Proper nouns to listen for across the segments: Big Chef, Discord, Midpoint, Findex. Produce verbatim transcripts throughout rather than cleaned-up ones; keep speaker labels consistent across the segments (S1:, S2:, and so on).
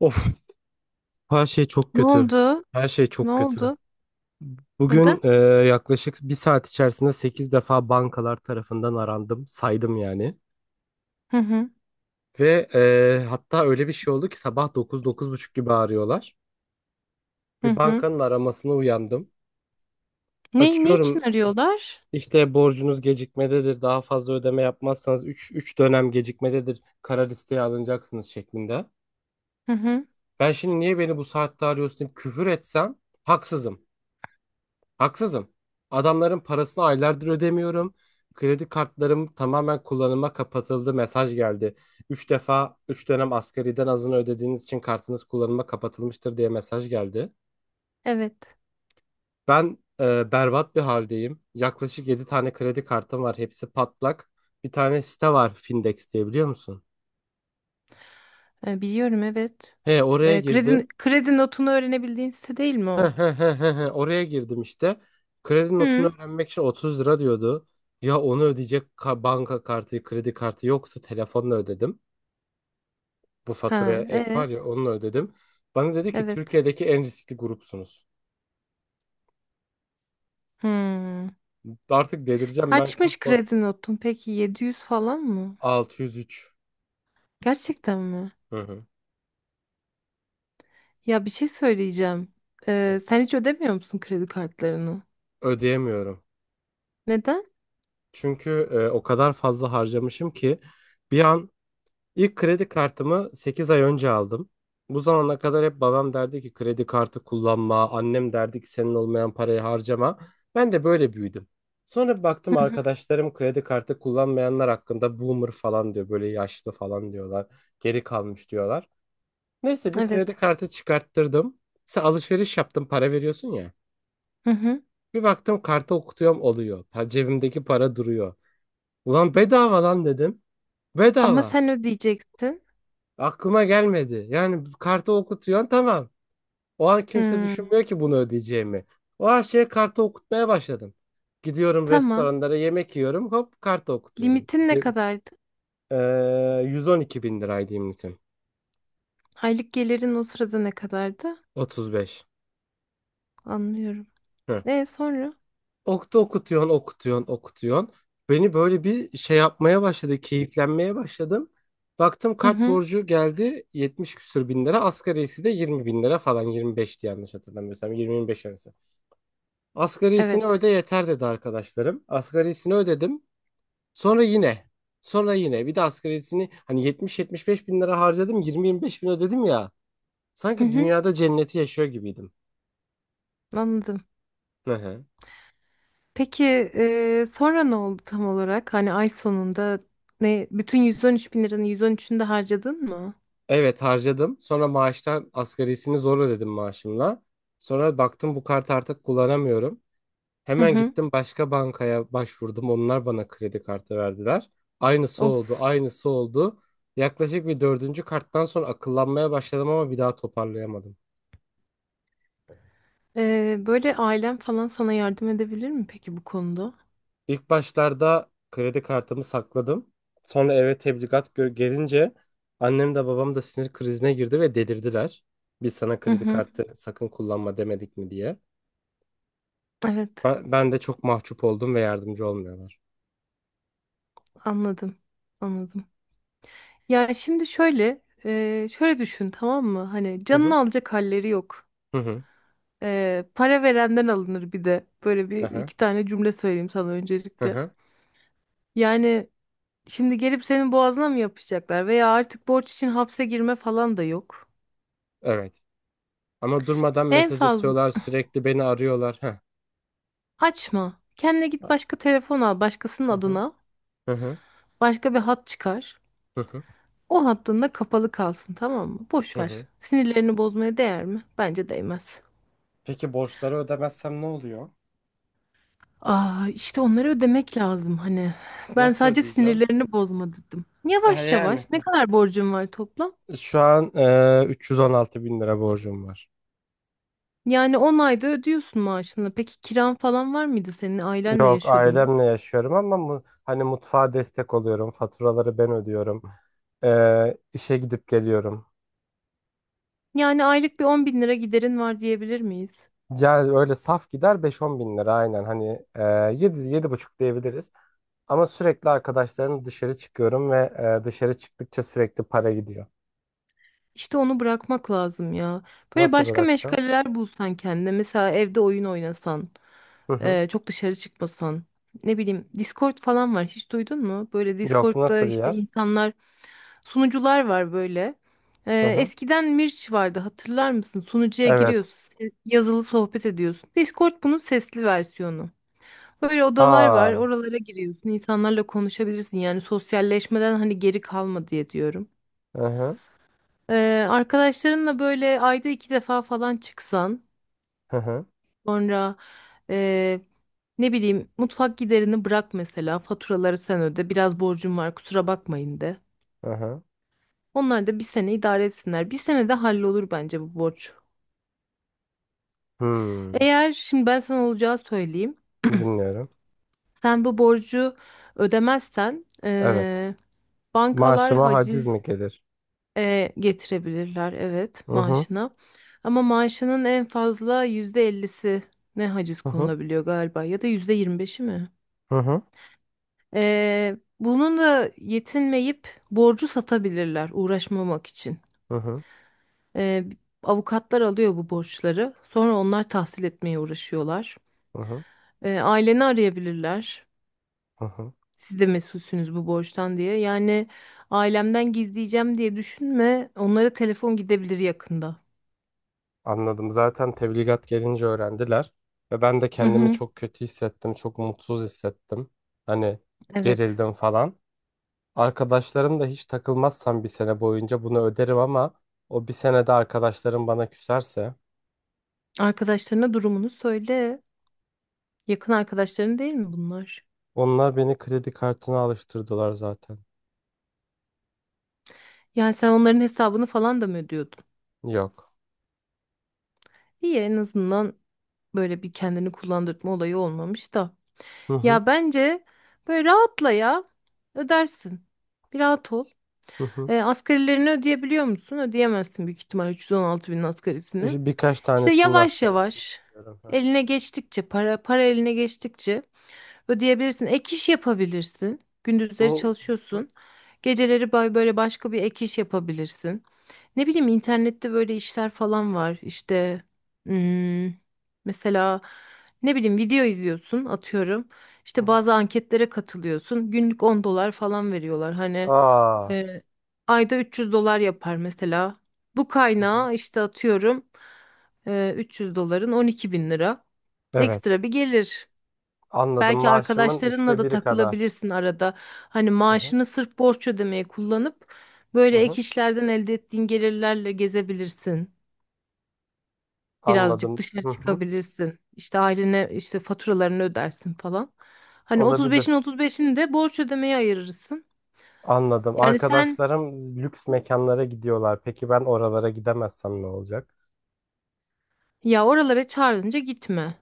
S1: Of, her şey çok
S2: Ne
S1: kötü.
S2: oldu?
S1: Her şey
S2: Ne
S1: çok kötü.
S2: oldu?
S1: Bugün
S2: Neden?
S1: e, yaklaşık bir saat içerisinde sekiz defa bankalar tarafından arandım. Saydım yani.
S2: Hı hı.
S1: Ve e, hatta öyle bir şey oldu ki sabah dokuz dokuz buçuk gibi arıyorlar.
S2: Hı
S1: Bir
S2: hı.
S1: bankanın aramasına uyandım.
S2: Ne, ne için
S1: Açıyorum,
S2: arıyorlar?
S1: işte borcunuz gecikmededir. Daha fazla ödeme yapmazsanız üç üç dönem gecikmededir. Kara listeye alınacaksınız şeklinde.
S2: Hı hı.
S1: Ben şimdi niye beni bu saatte arıyorsun deyip küfür etsem haksızım. Haksızım. Adamların parasını aylardır ödemiyorum. Kredi kartlarım tamamen kullanıma kapatıldı. Mesaj geldi. Üç defa üç dönem asgariden azını ödediğiniz için kartınız kullanıma kapatılmıştır diye mesaj geldi.
S2: Evet.
S1: Ben e, berbat bir haldeyim. Yaklaşık yedi tane kredi kartım var. Hepsi patlak. Bir tane site var, Findex diye, biliyor musun?
S2: E, biliyorum evet.
S1: He, oraya
S2: E, kredi,
S1: girdim.
S2: kredi notunu öğrenebildiğin site değil mi
S1: He
S2: o?
S1: he he he he. Oraya girdim işte. Kredi notunu
S2: Hı.
S1: öğrenmek için otuz lira diyordu. Ya onu ödeyecek ka- banka kartı, kredi kartı yoktu. Telefonla ödedim. Bu faturaya
S2: Ha,
S1: ek
S2: e,
S1: var ya, onunla ödedim. Bana dedi ki
S2: evet.
S1: Türkiye'deki en riskli grupsunuz.
S2: Hı.
S1: Artık delireceğim ben, kat
S2: Kaçmış
S1: borç.
S2: kredi notun peki? Yedi yüz falan mı?
S1: altı yüz üç.
S2: Gerçekten mi?
S1: Hı hı.
S2: Ya bir şey söyleyeceğim. E, sen hiç ödemiyor musun kredi kartlarını?
S1: Ödeyemiyorum.
S2: Neden?
S1: Çünkü e, o kadar fazla harcamışım ki bir an. İlk kredi kartımı sekiz ay önce aldım. Bu zamana kadar hep babam derdi ki kredi kartı kullanma, annem derdi ki senin olmayan parayı harcama. Ben de böyle büyüdüm. Sonra bir
S2: Hı
S1: baktım
S2: hı.
S1: arkadaşlarım kredi kartı kullanmayanlar hakkında boomer falan diyor, böyle yaşlı falan diyorlar, geri kalmış diyorlar. Neyse bir kredi
S2: Evet.
S1: kartı çıkarttırdım. Mesela alışveriş yaptım, para veriyorsun ya.
S2: Hı hı.
S1: Bir baktım kartı okutuyorum oluyor. Pa- Cebimdeki para duruyor. Ulan bedava lan dedim.
S2: Ama
S1: Bedava.
S2: sen ödeyecektin.
S1: Aklıma gelmedi. Yani kartı okutuyorsun, tamam. O an kimse
S2: Hı.
S1: düşünmüyor ki bunu ödeyeceğimi. O an şey kartı okutmaya başladım. Gidiyorum
S2: Tamam.
S1: restoranlara, yemek yiyorum. Hop kartı okutuyorum.
S2: Limitin ne kadardı?
S1: Ee, yüz on iki bin liraydı limitim.
S2: Aylık gelirin o sırada ne kadardı?
S1: otuz beş.
S2: Anlıyorum.
S1: Hı.
S2: E sonra?
S1: Oktu okutuyorsun okutuyorsun okutuyorsun. Beni böyle bir şey yapmaya başladı. Keyiflenmeye başladım. Baktım
S2: Hı
S1: kart
S2: hı.
S1: borcu geldi yetmiş küsür bin lira. Asgarisi de yirmi bin lira falan, yirmi beşti yanlış hatırlamıyorsam. yirmi ile yirmi beş arası.
S2: Evet.
S1: Asgarisini öde yeter dedi arkadaşlarım. Asgarisini ödedim. Sonra yine. Sonra yine. Bir de asgarisini, hani yetmiş yetmiş beş bin lira harcadım. yirmi yirmi beş bin ödedim ya.
S2: Hı
S1: Sanki
S2: hı.
S1: dünyada cenneti yaşıyor gibiydim.
S2: Anladım.
S1: Hı hı.
S2: Peki e, sonra ne oldu tam olarak? Hani ay sonunda ne? Bütün yüz on üç bin liranın yüz on üçünü de harcadın mı?
S1: Evet, harcadım. Sonra maaştan asgarisini zor ödedim maaşımla. Sonra baktım bu kartı artık kullanamıyorum.
S2: Hı
S1: Hemen
S2: hı.
S1: gittim başka bankaya başvurdum. Onlar bana kredi kartı verdiler. Aynısı oldu,
S2: Of.
S1: aynısı oldu. Yaklaşık bir dördüncü karttan sonra akıllanmaya başladım ama bir daha toparlayamadım.
S2: E, böyle ailen falan sana yardım edebilir mi peki bu konuda?
S1: İlk başlarda kredi kartımı sakladım. Sonra eve tebligat gö- gelince annem de babam da sinir krizine girdi ve delirdiler. Biz sana
S2: Hı
S1: kredi
S2: hı.
S1: kartı sakın kullanma demedik mi diye.
S2: Evet.
S1: Ben, ben de çok mahcup oldum ve yardımcı olmuyorlar.
S2: Anladım. Anladım. Ya şimdi şöyle, e, şöyle düşün tamam mı? Hani
S1: Hı hı.
S2: canını alacak halleri yok.
S1: Hı hı.
S2: Ee, para verenden alınır bir de. Böyle bir
S1: Aha.
S2: iki tane cümle söyleyeyim sana
S1: Hı
S2: öncelikle.
S1: hı.
S2: Yani şimdi gelip senin boğazına mı yapışacaklar veya artık borç için hapse girme falan da yok.
S1: Evet. Ama durmadan
S2: En
S1: mesaj
S2: fazla
S1: atıyorlar, sürekli beni arıyorlar. Heh.
S2: açma. Kendine git başka telefon al başkasının
S1: Hı hı.
S2: adına.
S1: Hı hı.
S2: Başka bir hat çıkar.
S1: Hı hı.
S2: O hattın da kapalı kalsın tamam mı? Boş
S1: Hı
S2: ver.
S1: hı.
S2: Sinirlerini bozmaya değer mi? Bence değmez.
S1: Peki borçları ödemezsem ne oluyor?
S2: Aa, işte onları ödemek lazım hani. Ben
S1: Nasıl
S2: sadece
S1: ödeyeceğim?
S2: sinirlerini bozma dedim.
S1: E
S2: Yavaş
S1: yani.
S2: yavaş ne kadar borcum var toplam?
S1: Şu an e, üç yüz on altı bin lira borcum var.
S2: Yani on ayda ödüyorsun maaşını. Peki kiran falan var mıydı senin? Ailenle
S1: Yok,
S2: yaşıyordun değil mi?
S1: ailemle yaşıyorum ama mu- hani mutfağa destek oluyorum. Faturaları ben ödüyorum. E, işe gidip geliyorum.
S2: Yani aylık bir on bin lira giderin var diyebilir miyiz?
S1: Yani öyle saf gider beş on bin lira aynen. Hani e, yedi, buçuk diyebiliriz. Ama sürekli arkadaşlarım dışarı çıkıyorum ve e, dışarı çıktıkça sürekli para gidiyor.
S2: İşte onu bırakmak lazım ya. Böyle
S1: Nasıl
S2: başka
S1: bırakacağım?
S2: meşgaleler bulsan kendine. Mesela evde oyun oynasan,
S1: Hı hı.
S2: e, çok dışarı çıkmasan. Ne bileyim, Discord falan var. Hiç duydun mu? Böyle
S1: Yok,
S2: Discord'da
S1: nasıl bir
S2: işte
S1: yer?
S2: insanlar, sunucular var böyle.
S1: Hı
S2: E,
S1: hı.
S2: eskiden Mirç vardı hatırlar mısın? Sunucuya
S1: Evet.
S2: giriyorsun, yazılı sohbet ediyorsun. Discord bunun sesli versiyonu. Böyle odalar
S1: Aa.
S2: var. Oralara giriyorsun. İnsanlarla konuşabilirsin. Yani sosyalleşmeden hani geri kalma diye diyorum.
S1: Hı hı.
S2: Ee, arkadaşlarınla böyle ayda iki defa falan çıksan
S1: Hı hı.
S2: sonra ee, ne bileyim mutfak giderini bırak mesela faturaları sen öde biraz borcum var kusura bakmayın de.
S1: Hı hı.
S2: Onlar da bir sene idare etsinler. Bir senede hallolur bence bu borç.
S1: Hmm.
S2: Eğer şimdi ben sana olacağı söyleyeyim.
S1: Dinliyorum.
S2: Sen bu borcu ödemezsen
S1: Evet.
S2: ee, bankalar
S1: Maaşıma haciz mi
S2: haciz.
S1: gelir?
S2: E, getirebilirler evet
S1: Hı hı.
S2: maaşına. Ama maaşının en fazla yüzde ellisi ne haciz
S1: Hı hı.
S2: konulabiliyor galiba ya da yüzde yirmi beşi mi?
S1: Hı hı.
S2: E, bunun da yetinmeyip borcu satabilirler uğraşmamak için.
S1: Hı hı.
S2: E, avukatlar alıyor bu borçları. Sonra onlar tahsil etmeye uğraşıyorlar.
S1: Hı hı.
S2: E, aileni arayabilirler.
S1: Hı hı.
S2: Siz de mesulsünüz bu borçtan diye. Yani ailemden gizleyeceğim diye düşünme. Onlara telefon gidebilir yakında.
S1: Anladım. Zaten tebligat gelince öğrendiler ve ben de
S2: Hı
S1: kendimi
S2: hı,
S1: çok kötü hissettim, çok mutsuz hissettim. Hani
S2: evet.
S1: gerildim falan. Arkadaşlarım da hiç takılmazsam bir sene boyunca bunu öderim ama o bir senede arkadaşlarım bana küserse
S2: Arkadaşlarına durumunu söyle. Yakın arkadaşların değil mi bunlar?
S1: onlar beni kredi kartına alıştırdılar zaten.
S2: Yani sen onların hesabını falan da mı ödüyordun?
S1: Yok.
S2: İyi en azından böyle bir kendini kullandırma olayı olmamış da.
S1: Hı hı.
S2: Ya bence böyle rahatla ya. Ödersin. Bir rahat ol.
S1: Hı hı.
S2: E, asgarilerini ödeyebiliyor musun? Ödeyemezsin büyük ihtimal üç yüz on altı binin asgarisini.
S1: İşte birkaç
S2: İşte
S1: tanesinin
S2: yavaş
S1: astarasını
S2: yavaş
S1: biliyorum. Hı.
S2: eline geçtikçe para para eline geçtikçe ödeyebilirsin. Ek iş yapabilirsin.
S1: Ne?
S2: Gündüzleri
S1: Hı hı.
S2: çalışıyorsun. Geceleri bay- böyle başka bir ek iş yapabilirsin. Ne bileyim internette böyle işler falan var. İşte hmm, mesela ne bileyim video izliyorsun atıyorum.
S1: Hı
S2: İşte
S1: hı.
S2: bazı anketlere katılıyorsun. Günlük on dolar falan veriyorlar. Hani
S1: Aa.
S2: e, ayda üç yüz dolar yapar mesela. Bu
S1: Hı hı.
S2: kaynağı işte atıyorum e, üç yüz doların on iki bin lira.
S1: Evet.
S2: Ekstra bir gelir.
S1: Anladım.
S2: Belki
S1: Maaşımın
S2: arkadaşlarınla
S1: üçte
S2: da
S1: biri kadar.
S2: takılabilirsin arada. Hani
S1: Hı hı.
S2: maaşını sırf borç ödemeye kullanıp
S1: Hı
S2: böyle
S1: hı.
S2: ek işlerden elde ettiğin gelirlerle gezebilirsin. Birazcık
S1: Anladım.
S2: dışarı
S1: Hı hı.
S2: çıkabilirsin. İşte ailene işte faturalarını ödersin falan. Hani otuz beşin
S1: Olabilir.
S2: otuz beşini de borç ödemeye ayırırsın.
S1: Anladım.
S2: Yani sen
S1: Arkadaşlarım lüks mekanlara gidiyorlar. Peki ben oralara gidemezsem ne olacak?
S2: ya oralara çağrılınca gitme.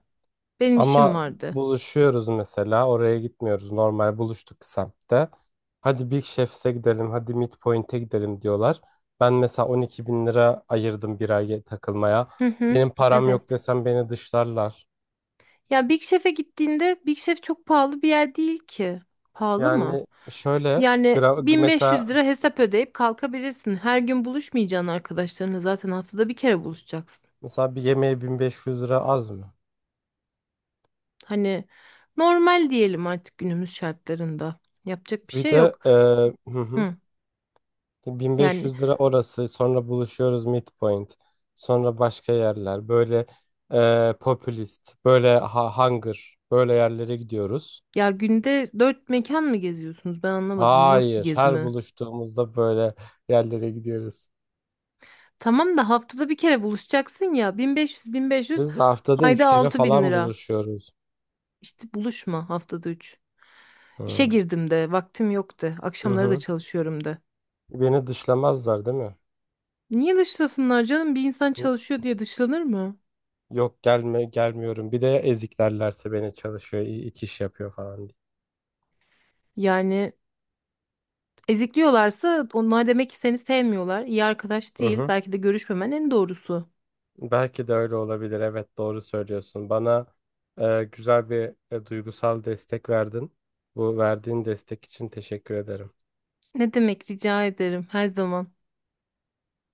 S2: Benim işim
S1: Ama
S2: vardı.
S1: buluşuyoruz mesela. Oraya gitmiyoruz. Normal buluştuk semtte. Hadi Big Chef's'e gidelim. Hadi Midpoint'e gidelim diyorlar. Ben mesela on iki bin lira ayırdım bir ay takılmaya.
S2: Hı hı,
S1: Benim param yok
S2: evet.
S1: desem beni dışlarlar.
S2: Ya Big Chef'e gittiğinde Big Chef çok pahalı bir yer değil ki. Pahalı mı?
S1: Yani şöyle,
S2: Yani
S1: gra-
S2: bin beş yüz
S1: mesela
S2: lira hesap ödeyip kalkabilirsin. Her gün buluşmayacaksın arkadaşlarınla zaten haftada bir kere buluşacaksın.
S1: mesela bir yemeğe bin beş yüz lira az mı?
S2: Hani normal diyelim artık günümüz şartlarında. Yapacak bir
S1: Bir
S2: şey
S1: de
S2: yok.
S1: e, hı hı,
S2: Hı. Yani
S1: bin beş yüz lira orası, sonra buluşuyoruz midpoint, sonra başka yerler, böyle e, popülist böyle ha- hunger böyle yerlere gidiyoruz.
S2: ya günde dört mekan mı geziyorsunuz? Ben anlamadım. Bu nasıl bir
S1: Hayır, her
S2: gezme?
S1: buluştuğumuzda böyle yerlere gidiyoruz.
S2: Tamam da haftada bir kere buluşacaksın ya. bin beş yüz bin beş yüz
S1: Biz haftada üç
S2: ayda
S1: kere
S2: altı bin
S1: falan
S2: lira.
S1: buluşuyoruz.
S2: İşte buluşma haftada üç. İşe
S1: Hı
S2: girdim de, vaktim yok de,
S1: hı.
S2: akşamları da
S1: Hı.
S2: çalışıyorum de.
S1: Beni dışlamazlar değil mi?
S2: Niye dışlasınlar canım? Bir insan çalışıyor diye dışlanır mı?
S1: Yok, gelme gelmiyorum. Bir de ezik derlerse beni, çalışıyor, i- iki iş yapıyor falan diye.
S2: Yani ezikliyorlarsa onlar demek ki seni sevmiyorlar. İyi arkadaş
S1: Hı
S2: değil.
S1: hı.
S2: Belki de görüşmemen en doğrusu.
S1: Belki de öyle olabilir. Evet, doğru söylüyorsun. Bana e, güzel bir e, duygusal destek verdin. Bu verdiğin destek için teşekkür ederim.
S2: Ne demek rica ederim her zaman.